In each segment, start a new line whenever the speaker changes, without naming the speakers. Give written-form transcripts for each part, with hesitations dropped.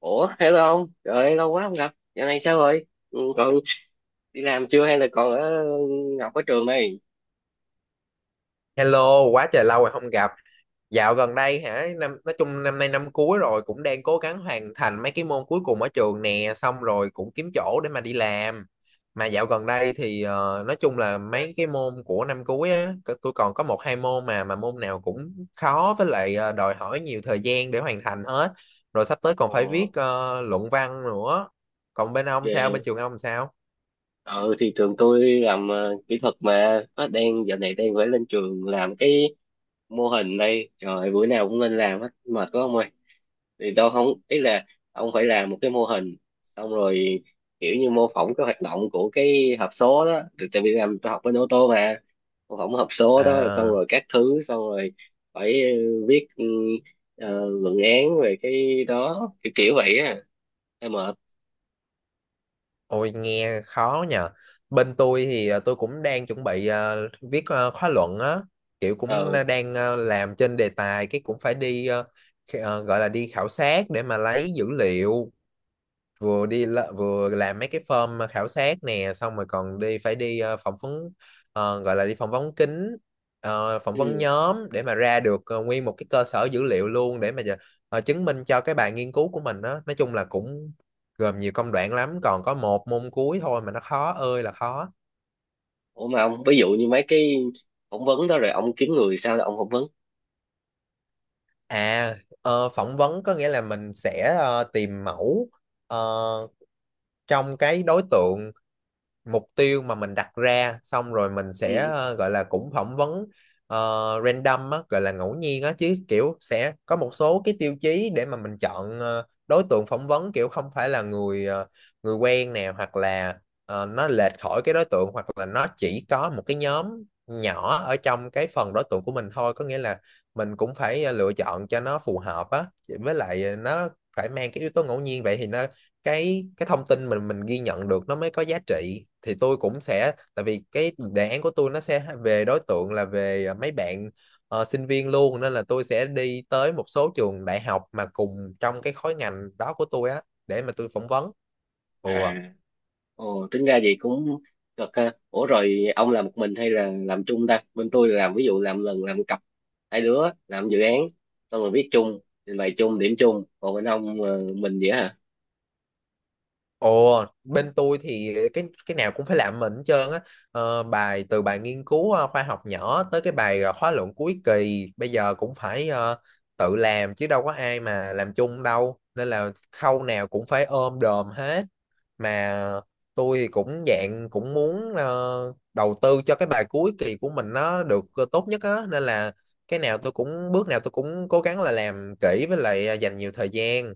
Ủa, hello ông, trời ơi, lâu quá không gặp. Giờ này sao rồi? Ừ, còn đi làm chưa hay là còn ở học ở trường đây.
Hello, quá trời lâu rồi không gặp. Dạo gần đây hả, nói chung năm nay năm cuối rồi cũng đang cố gắng hoàn thành mấy cái môn cuối cùng ở trường nè, xong rồi cũng kiếm chỗ để mà đi làm. Mà dạo gần đây thì nói chung là mấy cái môn của năm cuối á, tôi còn có một hai môn mà môn nào cũng khó với lại đòi hỏi nhiều thời gian để hoàn thành hết. Rồi sắp tới còn
ờ,
phải viết luận văn nữa. Còn bên ông sao, bên
Về.
trường ông sao?
Ờ thì trường tôi làm kỹ thuật, mà nó đang giờ này đang phải lên trường làm cái mô hình đây. Trời ơi, bữa nào cũng lên làm hết mệt quá ông ơi. Thì tôi không, ý là ông phải làm một cái mô hình, xong rồi kiểu như mô phỏng cái hoạt động của cái hộp số đó. Thì tại vì làm tôi học bên ô tô mà. Mô phỏng hộp số đó xong
À.
rồi các thứ, xong rồi phải viết luận án về cái đó, kiểu kiểu vậy á. Em mệt.
Ôi nghe khó nhờ. Bên tôi thì tôi cũng đang chuẩn bị viết khóa luận á, kiểu cũng
ờ
đang làm trên đề tài cái cũng phải đi gọi là đi khảo sát để mà lấy dữ liệu, vừa làm mấy cái form khảo sát nè, xong rồi còn phải đi phỏng vấn, gọi là đi phỏng vấn kín, phỏng vấn
ừ.
nhóm để mà ra được nguyên một cái cơ sở dữ liệu luôn để mà chứng minh cho cái bài nghiên cứu của mình đó. Nói chung là cũng gồm nhiều công đoạn lắm, còn có một môn cuối thôi mà nó khó ơi là khó.
Ủa mà ông, ví dụ như mấy cái phỏng vấn đó rồi ông kiếm người sao là ông phỏng vấn?
À, phỏng vấn có nghĩa là mình sẽ tìm mẫu ờ, trong cái đối tượng mục tiêu mà mình đặt ra, xong rồi mình sẽ
Ừ.
gọi là cũng phỏng vấn ờ, random á, gọi là ngẫu nhiên á, chứ kiểu sẽ có một số cái tiêu chí để mà mình chọn đối tượng phỏng vấn, kiểu không phải là người quen nè, hoặc là nó lệch khỏi cái đối tượng, hoặc là nó chỉ có một cái nhóm nhỏ ở trong cái phần đối tượng của mình thôi. Có nghĩa là mình cũng phải lựa chọn cho nó phù hợp á, với lại nó phải mang cái yếu tố ngẫu nhiên, vậy thì nó cái thông tin mình ghi nhận được nó mới có giá trị. Thì tôi cũng sẽ, tại vì cái đề án của tôi nó sẽ về đối tượng là về à, mấy bạn sinh viên luôn, nên là tôi sẽ đi tới một số trường đại học mà cùng trong cái khối ngành đó của tôi á để mà tôi phỏng vấn. Ừ.
À, ồ, tính ra vậy cũng cực ha. Ủa rồi ông làm một mình hay là làm chung ta? Bên tôi là làm, ví dụ làm lần làm cặp hai đứa làm dự án, xong rồi viết chung, trình bày chung, điểm chung. Còn bên ông mình vậy hả?
Ồ, bên tôi thì cái nào cũng phải làm mình hết trơn á. Ờ, bài, từ bài nghiên cứu khoa học nhỏ tới cái bài khóa luận cuối kỳ bây giờ cũng phải tự làm, chứ đâu có ai mà làm chung đâu. Nên là khâu nào cũng phải ôm đồm hết. Mà tôi thì cũng dạng cũng muốn đầu tư cho cái bài cuối kỳ của mình nó được tốt nhất á. Nên là cái nào tôi cũng bước nào tôi cũng cố gắng là làm kỹ, với lại dành nhiều thời gian.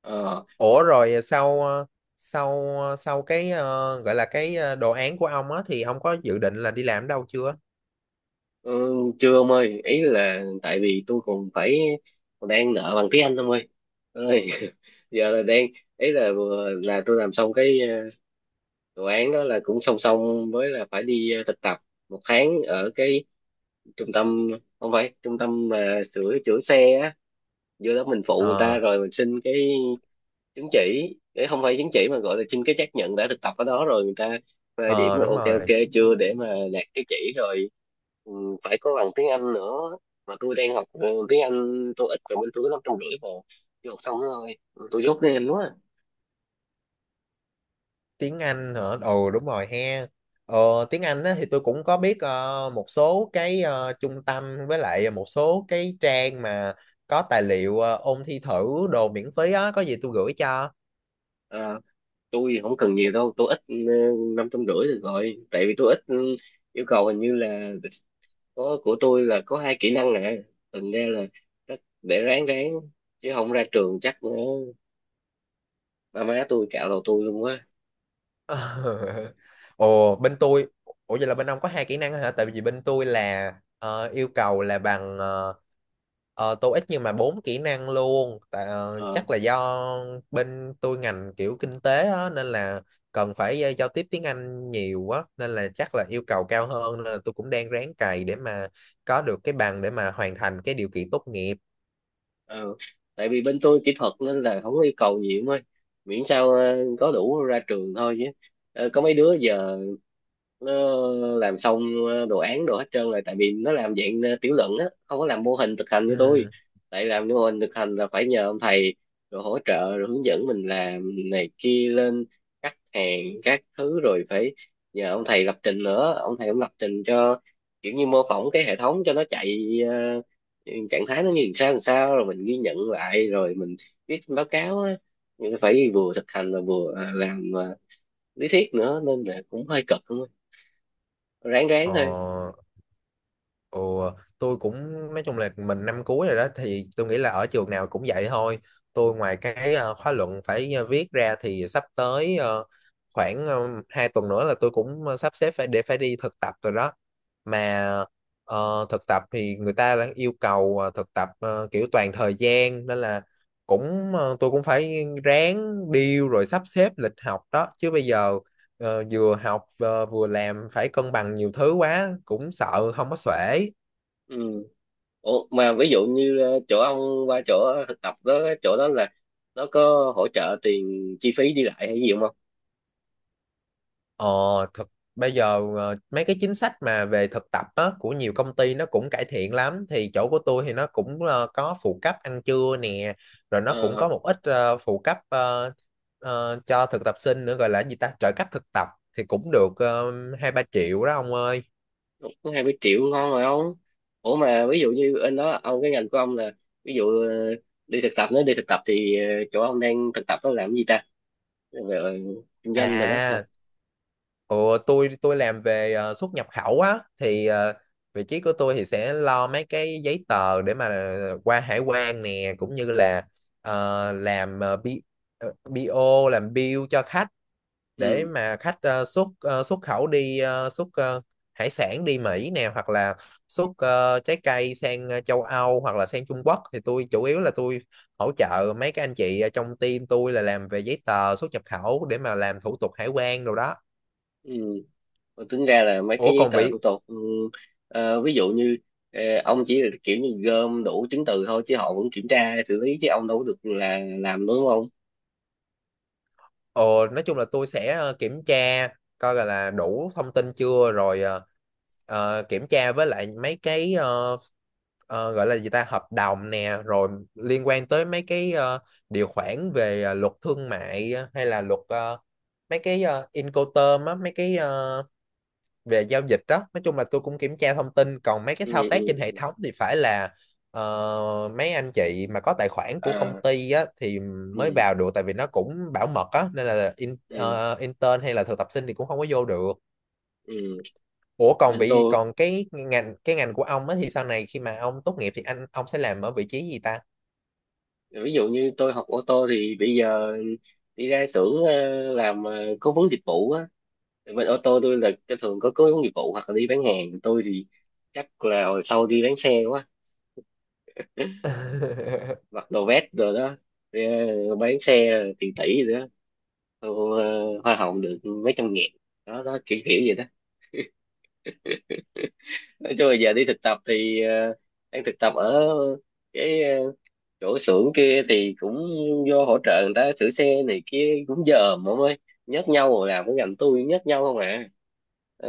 Ờ.
Ủa rồi sau sau cái gọi là cái đồ án của ông á thì ông có dự định là đi làm ở đâu chưa?
Ừ, chưa ông ơi, ý là tại vì tôi còn phải, còn đang nợ bằng tiếng Anh ông ơi. Ơi, giờ là đang, ý là vừa là tôi làm xong cái đồ án đó là cũng song song với là phải đi thực tập 1 tháng ở cái trung tâm, không phải trung tâm mà sửa chữa xe á. Vô đó mình phụ người ta
Ờ,
rồi mình xin cái chứng chỉ, cái không phải chứng chỉ mà gọi là xin cái xác nhận đã thực tập ở đó, rồi người ta phê điểm
ờ,
là
đúng
ok
rồi.
ok chưa để mà đạt cái chỉ rồi. Ừ, phải có bằng tiếng Anh nữa mà tôi đang học. Ừ, tiếng Anh tôi ít, rồi bên tôi có 550 mà chưa học xong nữa thôi. Tôi dốt tiếng Anh quá.
Tiếng Anh hả? Ồ đúng rồi he. Ờ, tiếng Anh á thì tôi cũng có biết một số cái trung tâm với lại một số cái trang mà có tài liệu ôn thi thử đồ miễn phí á, có gì tôi gửi cho.
À, tôi không cần nhiều đâu, tôi ít. Ừ, 550 được rồi, tại vì tôi ít. Ừ, Yêu cầu hình như là có, của tôi là có hai kỹ năng nè, thành ra là chắc để ráng ráng, chứ không ra trường chắc nữa ba má tôi cạo đầu tôi luôn á.
Ờ. Ồ bên tôi. Ủa vậy là bên ông có hai kỹ năng hả? Tại vì bên tôi là yêu cầu là bằng TOEIC nhưng mà 4 kỹ năng luôn. Tại, ờ,
Ờ.
chắc là do bên tôi ngành kiểu kinh tế á, nên là cần phải giao tiếp tiếng Anh nhiều quá, nên là chắc là yêu cầu cao hơn, nên là tôi cũng đang ráng cày để mà có được cái bằng để mà hoàn thành cái điều kiện tốt nghiệp.
Ừ, tại vì bên tôi kỹ thuật nên là không có yêu cầu gì em ơi, miễn sao có đủ ra trường thôi chứ. Ờ, có mấy đứa giờ nó làm xong đồ án đồ hết trơn rồi, tại vì nó làm dạng tiểu luận á, không có làm mô hình thực hành như tôi.
Ừ.
Tại làm mô hình thực hành là phải nhờ ông thầy rồi hỗ trợ rồi hướng dẫn mình làm này kia, lên cắt hàng các thứ, rồi phải nhờ ông thầy lập trình nữa, ông thầy cũng lập trình cho, kiểu như mô phỏng cái hệ thống cho nó chạy trạng thái nó như làm sao làm sao, rồi mình ghi nhận lại rồi mình viết báo cáo á. Nhưng phải vừa thực hành và vừa làm lý thuyết nữa nên là cũng hơi cực, đúng không. Ráng ráng
Ờ.
thôi.
Ồ, tôi cũng nói chung là mình năm cuối rồi đó, thì tôi nghĩ là ở trường nào cũng vậy thôi. Tôi ngoài cái khóa luận phải viết ra thì sắp tới khoảng 2 tuần nữa là tôi cũng sắp xếp phải đi thực tập rồi đó. Mà thực tập thì người ta đã yêu cầu thực tập kiểu toàn thời gian, nên là cũng tôi cũng phải ráng deal rồi sắp xếp lịch học đó. Chứ bây giờ vừa học vừa làm phải cân bằng nhiều thứ quá, cũng sợ không có xuể.
Ừ. Ủa, mà ví dụ như chỗ ông qua chỗ thực tập đó, chỗ đó là nó có hỗ trợ tiền chi phí đi lại hay gì không?
Ờ, thực Bây giờ mấy cái chính sách mà về thực tập á, của nhiều công ty nó cũng cải thiện lắm, thì chỗ của tôi thì nó cũng có phụ cấp ăn trưa nè, rồi nó cũng
ờ
có một ít phụ cấp cho thực tập sinh nữa, gọi là gì ta, trợ cấp thực tập, thì cũng được 2-3 triệu đó ông ơi.
Cũng 20 triệu ngon rồi ông. Ủa mà ví dụ như anh đó ông, cái ngành của ông là ví dụ đi thực tập, nếu đi thực tập thì chỗ ông đang thực tập đó làm cái gì ta, về kinh doanh rồi đó?
À, ủa, tôi làm về xuất nhập khẩu á, thì vị trí của tôi thì sẽ lo mấy cái giấy tờ để mà qua hải quan nè, cũng như là làm BO, làm bill cho khách để
Ừ.
mà khách xuất khẩu đi, hải sản đi Mỹ nè, hoặc là xuất trái cây sang châu Âu, hoặc là sang Trung Quốc. Thì tôi chủ yếu là tôi hỗ trợ mấy cái anh chị ở trong team tôi là làm về giấy tờ xuất nhập khẩu để mà làm thủ tục hải quan đồ đó.
Ừ. Mà tính ra là mấy
Ủa
cái giấy
còn
tờ thủ
vị.
tục. Ừ, Ví dụ như ông chỉ là kiểu như gom đủ chứng từ thôi, chứ họ vẫn kiểm tra xử lý chứ ông đâu có được là làm, đúng không?
Ờ, nói chung là tôi sẽ kiểm tra coi là đủ thông tin chưa, rồi kiểm tra với lại mấy cái gọi là gì ta, hợp đồng nè, rồi liên quan tới mấy cái điều khoản về luật thương mại hay là luật mấy cái Incoterm á, mấy cái về giao dịch đó. Nói chung là tôi cũng kiểm tra thông tin, còn mấy cái
Ừ
thao tác
ừ
trên hệ
ừ.
thống thì phải là mấy anh chị mà có tài khoản của công
À,
ty á, thì
ừ
mới vào được, tại vì nó cũng bảo mật á, nên là
ừ
intern hay là thực tập sinh thì cũng không có vô được.
ừ.
Ủa còn
Bên
vị
tôi,
còn cái ngành của ông á thì sau này khi mà ông tốt nghiệp thì anh ông sẽ làm ở vị trí gì ta?
ví dụ như tôi học ô tô thì bây giờ đi ra xưởng làm cố vấn dịch vụ á. Bên ô tô tôi là cái thường có cố vấn dịch vụ hoặc là đi bán hàng. Tôi thì chắc là hồi sau đi bán xe quá, mặc đồ vest rồi đó. ờ, bán xe tiền tỷ rồi đó. Thu hoa hồng được mấy trăm nghìn đó đó, kiểu kiểu vậy đó. Nói chung là giờ đi thực tập thì đang thực tập ở cái chỗ xưởng kia, thì cũng vô hỗ trợ người ta sửa xe này kia, cũng dòm ông ơi, nhắc nhau rồi. Làm cái ngành tôi nhắc nhau không à,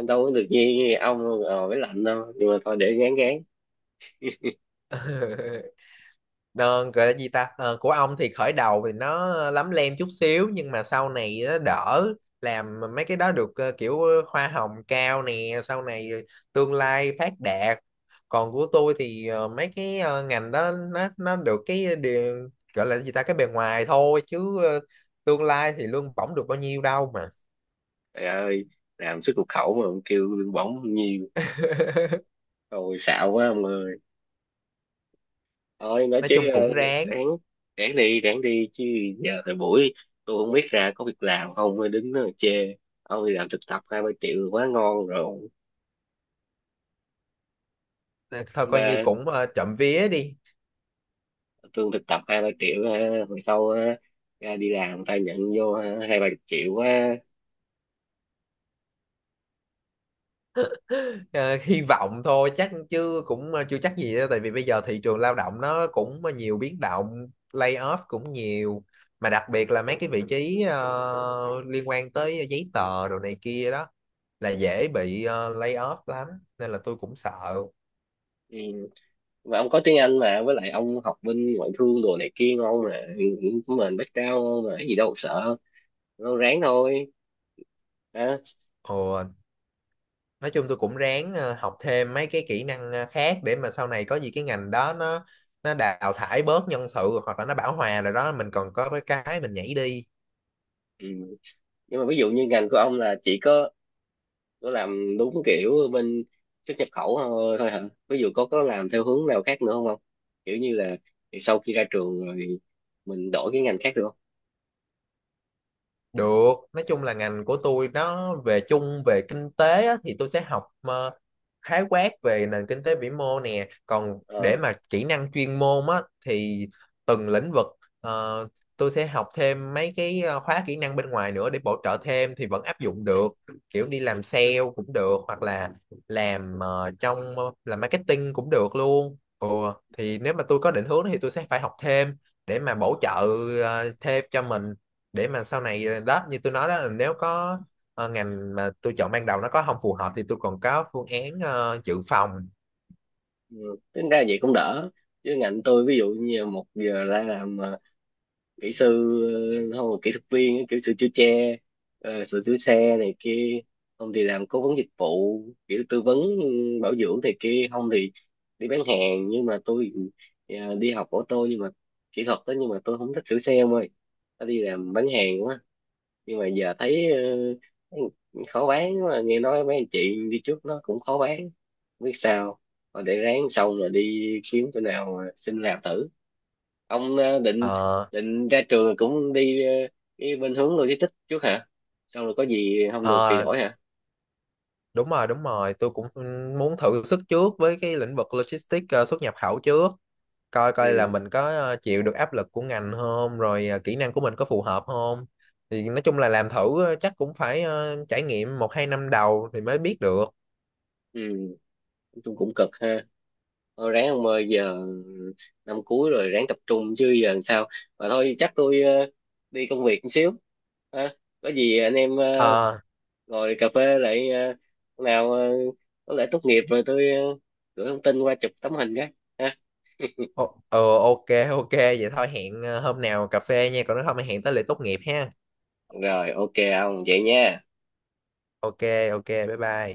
đâu có được như ông với lạnh đâu, nhưng mà thôi để gán gán.
Đơn, gọi là gì ta, ờ, của ông thì khởi đầu thì nó lấm lem chút xíu nhưng mà sau này nó đỡ, làm mấy cái đó được kiểu hoa hồng cao nè, sau này tương lai phát đạt. Còn của tôi thì mấy cái ngành đó nó được cái điều, gọi là gì ta, cái bề ngoài thôi, chứ tương lai thì lương bổng được bao nhiêu đâu mà.
Trời ơi, làm xuất nhập khẩu mà kêu lương bổng nhiêu, rồi xạo quá ông ơi. Thôi nói
Nói
chứ
chung cũng ráng.
ráng. Ráng đi, ráng đi chứ, giờ thời buổi tôi không biết ra có việc làm không mới đứng đó mà chê. Ông đi làm thực tập 2-3 triệu quá ngon rồi.
Ờ, thôi
Nhưng
coi như
mà
cũng trộm vía đi.
lương thực tập 2-3 triệu ha, hồi sau ha, ra đi làm người ta nhận vô ha, 2-3 chục triệu quá.
Ờ, hy vọng thôi chắc, chứ cũng chưa chắc gì đâu, tại vì bây giờ thị trường lao động nó cũng nhiều biến động, layoff cũng nhiều. Mà đặc biệt là mấy cái vị trí liên quan tới giấy tờ đồ này kia đó là dễ bị layoff lắm, nên là tôi cũng sợ.
Ừ. Mà ông có tiếng Anh mà, với lại ông học bên ngoại thương đồ này kia ngon mà, của mình background ngon mà, cái gì đâu mà sợ. Ông ráng thôi, ha.
Ồ, nói chung tôi cũng ráng học thêm mấy cái kỹ năng khác để mà sau này có gì, cái ngành đó nó đào thải bớt nhân sự, hoặc là nó bão hòa rồi đó, mình còn có cái mình nhảy đi.
Ừ. Nhưng mà ví dụ như ngành của ông là chỉ có nó làm đúng kiểu bên xuất nhập khẩu thôi, thôi hả? Ví dụ có làm theo hướng nào khác nữa không không, kiểu như là thì sau khi ra trường rồi thì mình đổi cái ngành khác được không?
Được, nói chung là ngành của tôi nó về chung về kinh tế á, thì tôi sẽ học khái quát về nền kinh tế vĩ mô nè. Còn để
Ờ.
mà kỹ năng chuyên môn á, thì từng lĩnh vực ờ, tôi sẽ học thêm mấy cái khóa kỹ năng bên ngoài nữa để bổ trợ thêm thì vẫn áp dụng được. Kiểu đi làm sale cũng được, hoặc là làm làm marketing cũng được luôn. Ừ, thì nếu mà tôi có định hướng thì tôi sẽ phải học thêm để mà bổ trợ thêm cho mình, để mà sau này đó, như tôi nói đó, là nếu có ngành mà tôi chọn ban đầu nó có không phù hợp thì tôi còn có phương án dự phòng.
Ừ, tính ra vậy cũng đỡ, chứ ngành tôi ví dụ như một giờ ra làm kỹ sư, không là kỹ thuật viên kiểu sửa chữa xe, sửa chữa xe này kia, không thì làm cố vấn dịch vụ kiểu tư vấn bảo dưỡng này kia, không thì đi bán hàng. Nhưng mà tôi đi học ô tô, nhưng mà kỹ thuật đó, nhưng mà tôi không thích sửa xe ông ơi, tôi đi làm bán hàng quá. Nhưng mà giờ thấy ờ, khó bán, mà nghe nói mấy anh chị đi trước nó cũng khó bán, không biết sao. Thôi để ráng xong rồi đi kiếm chỗ nào mà xin làm thử. Ông định
Ờ,
định ra trường rồi cũng đi cái bên hướng logistics trước hả, xong rồi có gì không được thì
ờ,
đổi hả?
đúng rồi tôi cũng ừ, muốn thử sức trước với cái lĩnh vực logistics, xuất nhập khẩu trước, coi coi là
Ừ
mình có chịu được áp lực của ngành không, rồi kỹ năng của mình có phù hợp không. Thì nói chung là làm thử chắc cũng phải trải nghiệm 1-2 năm đầu thì mới biết được.
ừ. Nói cũng cực ha. Thôi ráng ông ơi, giờ năm cuối rồi ráng tập trung chứ giờ làm sao. Mà thôi chắc tôi đi công việc một xíu ha, có gì anh em
Ờ.
ngồi cà phê lại hôm nào có lẽ tốt nghiệp rồi tôi gửi thông tin qua chụp tấm hình cái ha.
Ồ, ừ, ok, ok vậy thôi, hẹn hôm nào cà phê nha, còn nếu không thì hẹn tới lễ tốt nghiệp ha.
Rồi ok, ông vậy nha.
Ok, ok, bye bye.